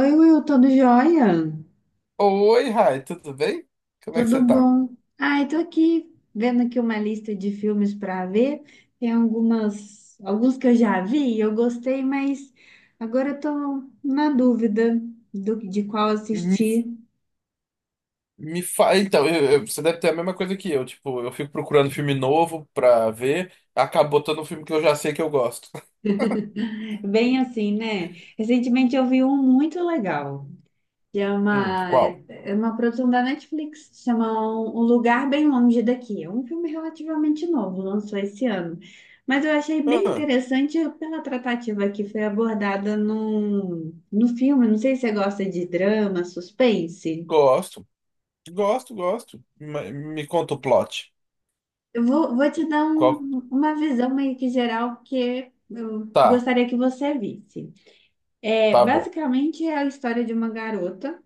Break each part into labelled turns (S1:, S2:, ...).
S1: Oi, Will, tudo jóia?
S2: Oi, Rai, tudo bem? Como é que
S1: Tudo
S2: você tá?
S1: bom? Ai, tô aqui vendo aqui uma lista de filmes para ver. Tem alguns que eu já vi e eu gostei, mas agora eu tô na dúvida de qual
S2: Me,
S1: assistir.
S2: Então, você deve ter a mesma coisa que eu. Tipo, eu fico procurando filme novo pra ver, acabou botando um filme que eu já sei que eu gosto.
S1: Bem assim, né? Recentemente eu vi um muito legal. Que é
S2: Qual?
S1: é uma produção da Netflix, se chama Um Lugar Bem Longe Daqui. É um filme relativamente novo, lançou esse ano. Mas eu achei bem
S2: Ah,
S1: interessante pela tratativa que foi abordada no filme. Não sei se você gosta de drama, suspense.
S2: gosto, gosto, gosto. Me conta o plot.
S1: Vou te dar
S2: Qual?
S1: uma visão meio que geral que eu
S2: Tá,
S1: gostaria que você visse. É,
S2: tá bom.
S1: basicamente é a história de uma garota.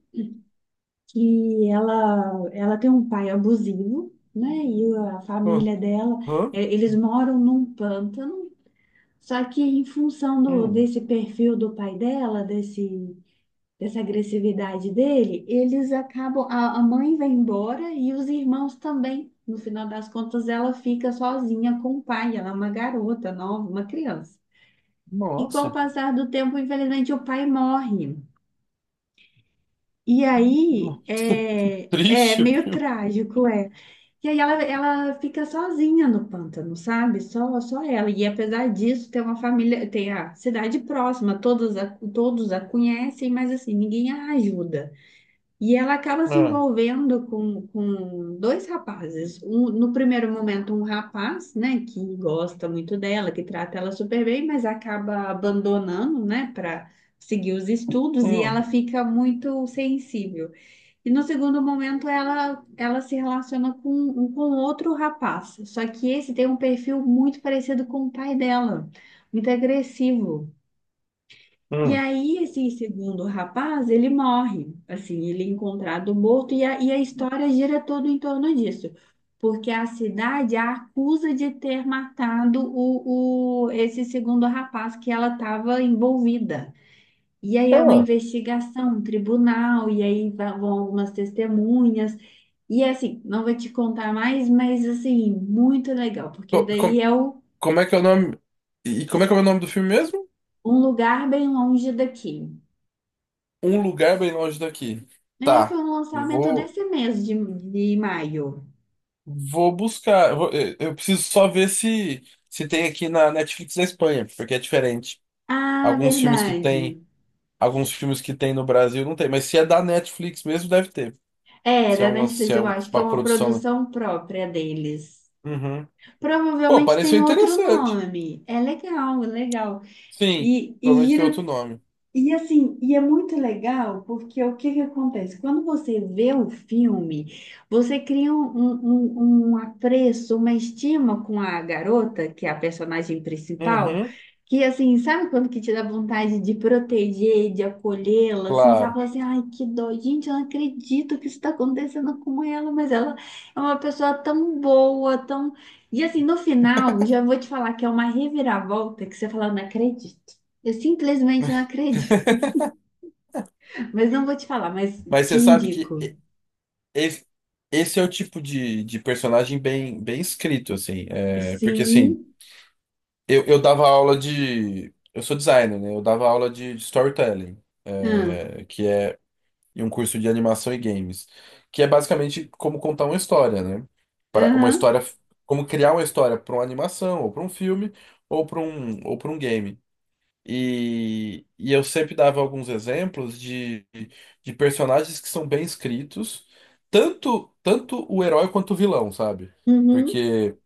S1: Que ela tem um pai abusivo, né? E a família dela,
S2: Aham.
S1: é, eles moram num pântano, só que em função
S2: Hum,
S1: desse perfil do pai dela, desse, dessa agressividade dele, eles acabam, a mãe vai embora e os irmãos também. No final das contas, ela fica sozinha com o pai, ela é uma garota nova, uma criança. E com o
S2: nossa,
S1: passar do tempo, infelizmente, o pai morre. E aí
S2: nossa, que
S1: é
S2: triste o
S1: meio
S2: filme.
S1: trágico, é. E aí ela fica sozinha no pântano, sabe? Só ela. E apesar disso, tem uma família, tem a cidade próxima, todos a conhecem, mas assim, ninguém a ajuda. E ela acaba se
S2: Ah,
S1: envolvendo com dois rapazes. Um, no primeiro momento, um rapaz, né, que gosta muito dela, que trata ela super bem, mas acaba abandonando, né, para seguir os estudos, e ela
S2: hum,
S1: fica muito sensível. E no segundo momento ela se relaciona com um com outro rapaz. Só que esse tem um perfil muito parecido com o pai dela, muito agressivo. E
S2: hum.
S1: aí esse segundo rapaz, ele morre, assim, ele é encontrado morto e e a história gira todo em torno disso. Porque a cidade a acusa de ter matado esse segundo rapaz que ela estava envolvida. E aí é uma
S2: Ah,
S1: investigação, um tribunal, e aí vão algumas testemunhas. E assim, não vou te contar mais, mas assim, muito legal, porque
S2: co- com-
S1: daí é
S2: como é que é o nome? E como é que é o nome do filme mesmo?
S1: um lugar bem longe daqui.
S2: Um Lugar Bem Longe Daqui.
S1: É, foi
S2: Tá.
S1: um
S2: Eu
S1: lançamento
S2: vou,
S1: desse mês de maio.
S2: vou buscar. Eu preciso só ver se tem aqui na Netflix da Espanha, porque é diferente.
S1: Ah,
S2: Alguns filmes que tem,
S1: verdade.
S2: alguns filmes que tem no Brasil não tem, mas se é da Netflix mesmo, deve ter.
S1: É,
S2: Se é
S1: da
S2: um, lance- se
S1: Netflix,
S2: é
S1: eu
S2: um-
S1: acho que é
S2: Uma
S1: uma
S2: produção.
S1: produção própria deles.
S2: Uhum. Pô,
S1: Provavelmente
S2: pareceu
S1: tem outro
S2: interessante.
S1: nome. É legal, é legal.
S2: Sim,
S1: E
S2: provavelmente tem outro
S1: gira.
S2: nome.
S1: E assim, e é muito legal porque o que que acontece? Quando você vê o filme, você cria um apreço, uma estima com a garota, que é a personagem principal,
S2: Uhum,
S1: que assim, sabe quando que te dá vontade de proteger, de acolhê-la, assim, sabe?
S2: claro.
S1: Fala assim, ai, que dó, gente, eu não acredito que isso está acontecendo com ela, mas ela é uma pessoa tão boa, tão... E assim, no final, já vou te falar que é uma reviravolta que você fala, não acredito. Eu simplesmente não acredito. Mas não vou te falar, mas
S2: Mas
S1: te
S2: você sabe
S1: indico.
S2: que esse, esse é o tipo de personagem bem, bem escrito, assim. É, porque assim.
S1: Sim.
S2: Eu dava aula de. Eu sou designer, né? Eu dava aula de storytelling,
S1: Ah,
S2: é, que é em um curso de animação e games, que é basicamente como contar uma história, né? Para uma
S1: aham,
S2: história, como criar uma história para uma animação, ou para um filme, ou para um game. E eu sempre dava alguns exemplos de personagens que são bem escritos, tanto o herói quanto o vilão, sabe?
S1: uhum.
S2: Porque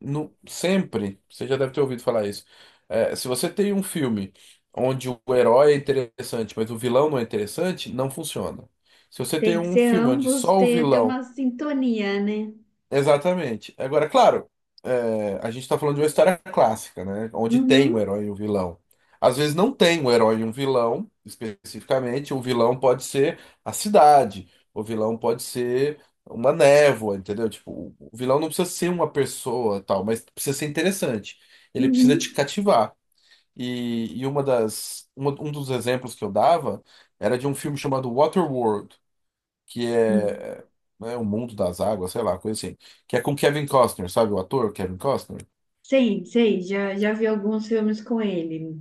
S2: no, sempre, você já deve ter ouvido falar isso. É, se você tem um filme onde o herói é interessante, mas o vilão não é interessante, não funciona. Se você tem
S1: Tem que
S2: um
S1: ser
S2: filme onde
S1: ambos
S2: só o
S1: ter uma
S2: vilão.
S1: sintonia, né?
S2: Exatamente. Agora, claro, é, a gente está falando de uma história clássica, né? Onde tem um
S1: Uhum,
S2: herói e um vilão. Às vezes não tem um herói e um vilão, especificamente. O vilão pode ser a cidade, o vilão pode ser uma névoa, entendeu? Tipo, o vilão não precisa ser uma pessoa, tal, mas precisa ser interessante. Ele precisa te
S1: uhum.
S2: cativar. E um dos exemplos que eu dava era de um filme chamado Waterworld, que
S1: Hum.
S2: é, né, O Mundo das Águas, sei lá, coisa assim, que é com Kevin Costner, sabe o ator Kevin Costner?
S1: Sei, sei. Já vi alguns filmes com ele.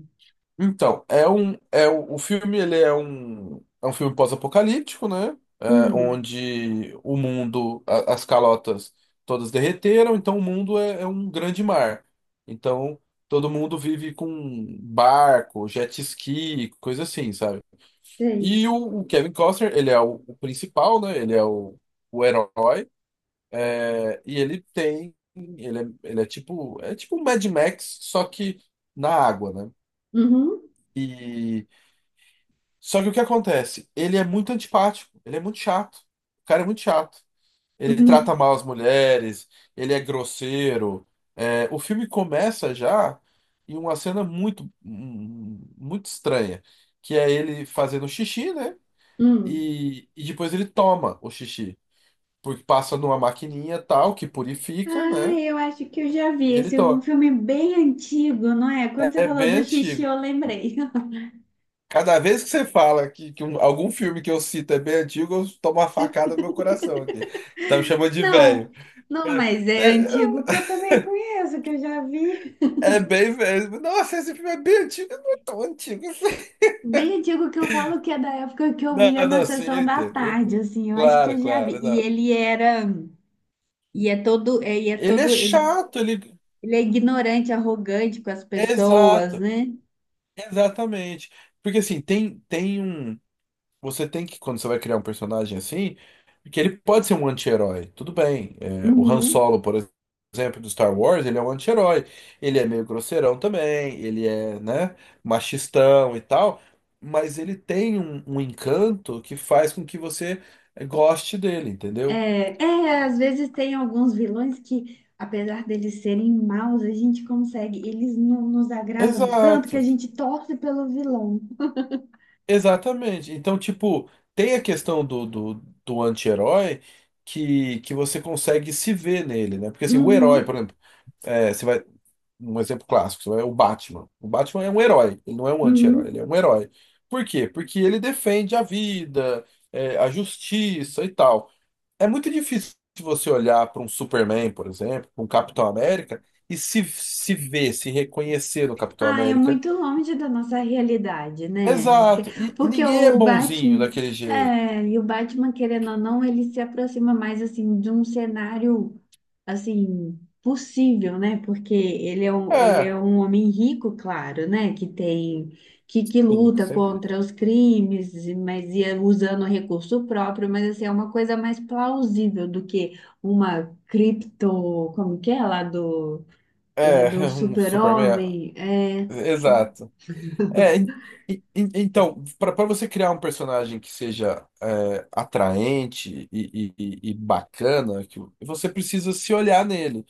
S2: Então, é o filme, ele é um filme pós-apocalíptico, né? É,
S1: Hum,
S2: onde o mundo, as calotas todas derreteram, então o mundo é um grande mar. Então, todo mundo vive com barco, jet ski, coisa assim, sabe?
S1: sei.
S2: E o Kevin Costner, ele é o principal, né? Ele é o herói. E ele tem, ele é tipo um Mad Max, só que na água, né?
S1: Uhum,
S2: E só que o que acontece? Ele é muito antipático, ele é muito chato. O cara é muito chato. Ele trata
S1: uhum,
S2: mal as mulheres, ele é grosseiro. É, o filme começa já em uma cena muito, muito estranha, que é ele fazendo xixi, né?
S1: hum.
S2: E depois ele toma o xixi, porque passa numa maquininha tal que purifica,
S1: Ah,
S2: né?
S1: eu acho que eu já vi.
S2: E ele
S1: Esse é um
S2: toma.
S1: filme bem antigo, não é? Quando você
S2: É
S1: falou
S2: bem
S1: do xixi,
S2: antigo.
S1: eu lembrei.
S2: Cada vez que você fala que, algum filme que eu cito é bem antigo, eu tomo uma facada no meu coração aqui. Você tá me chamando de
S1: Não,
S2: velho.
S1: não,
S2: Cara,
S1: mas é
S2: É,
S1: antigo que eu também conheço, que eu já vi.
S2: é bem velho. Nossa, esse filme é bem antigo, não é tão antigo assim.
S1: Bem antigo que eu falo que é da época que eu
S2: Não,
S1: via na
S2: não, sim, eu
S1: sessão da
S2: entendo, eu
S1: tarde,
S2: entendo.
S1: assim, eu acho que eu
S2: Claro,
S1: já vi.
S2: claro,
S1: E
S2: não.
S1: ele era, e é todo, e é
S2: Ele é
S1: todo, ele,
S2: chato, ele.
S1: ele é ignorante, arrogante com as pessoas,
S2: Exato,
S1: né?
S2: exatamente. Porque assim, tem um. Você tem que, quando você vai criar um personagem assim, que ele pode ser um anti-herói, tudo bem. É, o Han
S1: Uhum.
S2: Solo, por exemplo, do Star Wars, ele é um anti-herói. Ele é meio grosseirão também, ele é, né, machistão e tal, mas ele tem um encanto que faz com que você goste dele, entendeu?
S1: É, é, às vezes tem alguns vilões que, apesar deles serem maus, a gente consegue, eles não nos agradam tanto que a
S2: Exato,
S1: gente torce pelo vilão.
S2: exatamente. Então, tipo, tem a questão do anti-herói que você consegue se ver nele, né? Porque assim, o herói, por
S1: Uhum.
S2: exemplo. É, você vai. Um exemplo clássico, você vai, o Batman. O Batman é um herói, ele não é um anti-herói, ele
S1: Uhum.
S2: é um herói. Por quê? Porque ele defende a vida, é, a justiça e tal. É muito difícil você olhar para um Superman, por exemplo, para um Capitão América, e se ver, se reconhecer no Capitão
S1: Ah, é
S2: América.
S1: muito longe da nossa realidade, né? Que...
S2: Exato, e
S1: Porque
S2: ninguém é
S1: o
S2: bonzinho
S1: Batman,
S2: daquele jeito.
S1: e o Batman, querendo ou não, ele se aproxima mais, assim, de um cenário, assim, possível, né? Porque ele é
S2: É,
S1: um homem rico, claro, né? Que tem, que
S2: sim,
S1: luta
S2: sempre.
S1: contra os crimes, e... mas ia usando recurso próprio, mas, assim, é uma coisa mais plausível do que uma cripto, como que é, lá
S2: É,
S1: do
S2: um Superman.
S1: super-homem, é...
S2: É, Exato. É, então, para você criar um personagem que seja é, atraente e bacana, que você precisa se olhar nele.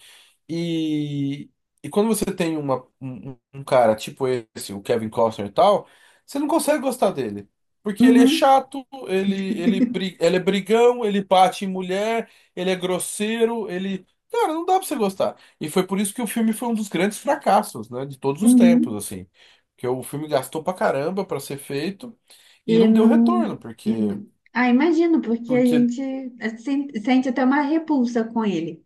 S2: E, e quando você tem um cara tipo esse, o Kevin Costner e tal, você não consegue gostar dele. Porque ele é
S1: Uhum,
S2: chato, ele é brigão, ele bate em mulher, ele é grosseiro, ele. Cara, não dá pra você gostar. E foi por isso que o filme foi um dos grandes fracassos, né? De todos os tempos,
S1: uhum.
S2: assim. Porque o filme gastou pra caramba pra ser feito e
S1: E
S2: não deu retorno, porque.
S1: não... Ah, imagino, porque a
S2: Porque.
S1: gente sente até uma repulsa com ele,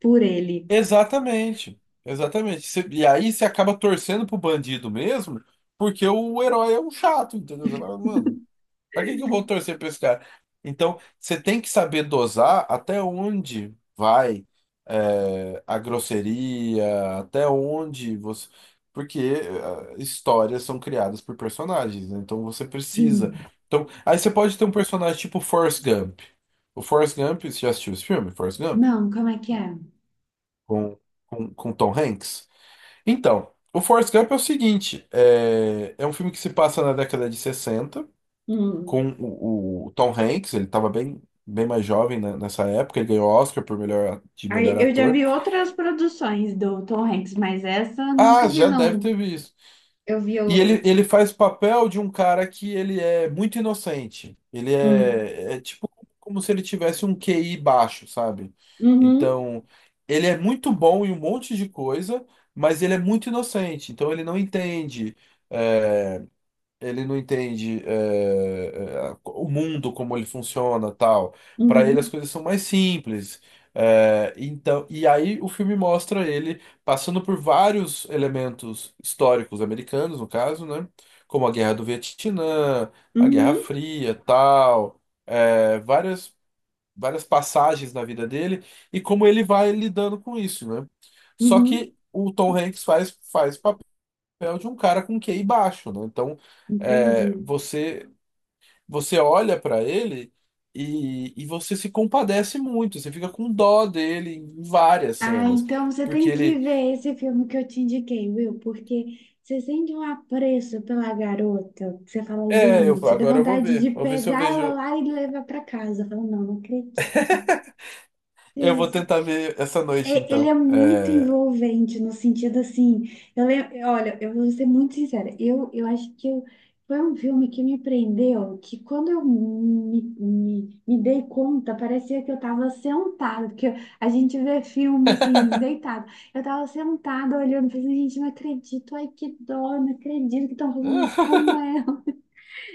S1: por ele.
S2: Exatamente, exatamente. E aí você acaba torcendo pro bandido mesmo, porque o herói é um chato, entendeu? Você fala, mano, pra que que eu vou torcer pra esse cara? Então, você tem que saber dosar até onde vai é, a grosseria, até onde você. Porque é, histórias são criadas por personagens, né? Então você precisa.
S1: Hum.
S2: Então, aí você pode ter um personagem tipo Forrest Gump. O Forrest Gump, você já assistiu esse filme? Forrest Gump?
S1: Não, como é que é?
S2: com, com Tom Hanks. Então, o Forrest Gump é o seguinte: é um filme que se passa na década de 60,
S1: Hum.
S2: com o Tom Hanks, ele estava bem, bem mais jovem né, nessa época, ele ganhou Oscar por de
S1: Aí,
S2: melhor
S1: eu já
S2: ator.
S1: vi outras produções do Tom Hanks, mas essa eu
S2: Ah,
S1: nunca vi,
S2: já deve ter
S1: não.
S2: visto.
S1: Eu vi
S2: E ele,
S1: o.
S2: ele faz o papel de um cara que ele é muito inocente. Ele
S1: Hum.
S2: é tipo como se ele tivesse um QI baixo, sabe?
S1: Uhum,
S2: Então, ele é muito bom em um monte de coisa, mas ele é muito inocente. Então, ele não entende. eh, Ele não entende o mundo, como ele funciona, tal. Para ele as
S1: uhum,
S2: coisas são mais simples. É, então, e aí o filme mostra ele passando por vários elementos históricos americanos, no caso, né? Como a Guerra do Vietnã, a Guerra
S1: uhum,
S2: Fria, tal. É, várias passagens na vida dele e como ele vai lidando com isso, né? Só
S1: uhum.
S2: que o Tom Hanks faz papel de um cara com QI baixo, né? Então,
S1: Entendi.
S2: é, você olha para ele e você se compadece muito, você fica com dó dele em várias
S1: Ah,
S2: cenas,
S1: então você
S2: porque
S1: tem que
S2: ele,
S1: ver esse filme que eu te indiquei, Will, porque você sente um apreço pela garota, que você fala,
S2: é, eu
S1: gente, dá
S2: agora,
S1: vontade de
S2: vou ver se eu
S1: pegar ela
S2: vejo,
S1: lá e levar pra casa. Eu falo, não, não acredito.
S2: eu vou tentar ver essa noite
S1: É, ele é
S2: então.
S1: muito
S2: É,
S1: envolvente no sentido assim, eu lembro, olha, eu vou ser muito sincera, eu acho que foi um filme que me prendeu, que quando eu me dei conta, parecia que eu estava sentada, porque a gente vê filme assim, deitado. Eu estava sentada olhando, pensando, gente, não acredito, ai que dó, não acredito que estão fazendo isso com ela.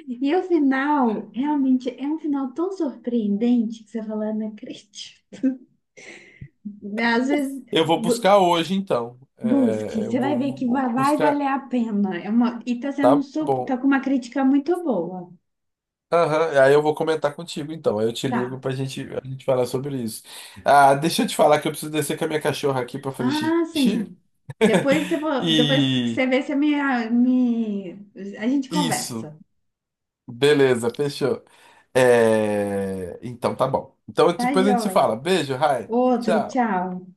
S1: E o final, realmente, é um final tão surpreendente que você fala, não acredito. Às vezes.
S2: eu vou buscar hoje então,
S1: Busque,
S2: É, eu
S1: você vai
S2: vou
S1: ver que
S2: vou
S1: vai
S2: buscar,
S1: valer a pena. É uma, e tá sendo
S2: tá
S1: super, tá
S2: bom.
S1: com uma crítica muito boa.
S2: Aham, aí eu vou comentar contigo então. Aí eu te
S1: Tá.
S2: ligo pra gente, a gente falar sobre isso. Ah, deixa eu te falar que eu preciso descer com a minha cachorra aqui pra fazer
S1: Ah,
S2: xixi.
S1: sim. Depois, depois que
S2: E
S1: você vê, você me, me. A gente
S2: isso,
S1: conversa.
S2: beleza, fechou. É, Então tá bom. Então
S1: Tá,
S2: depois a gente se
S1: joia?
S2: fala. Beijo, Rai.
S1: Outro,
S2: Tchau.
S1: tchau.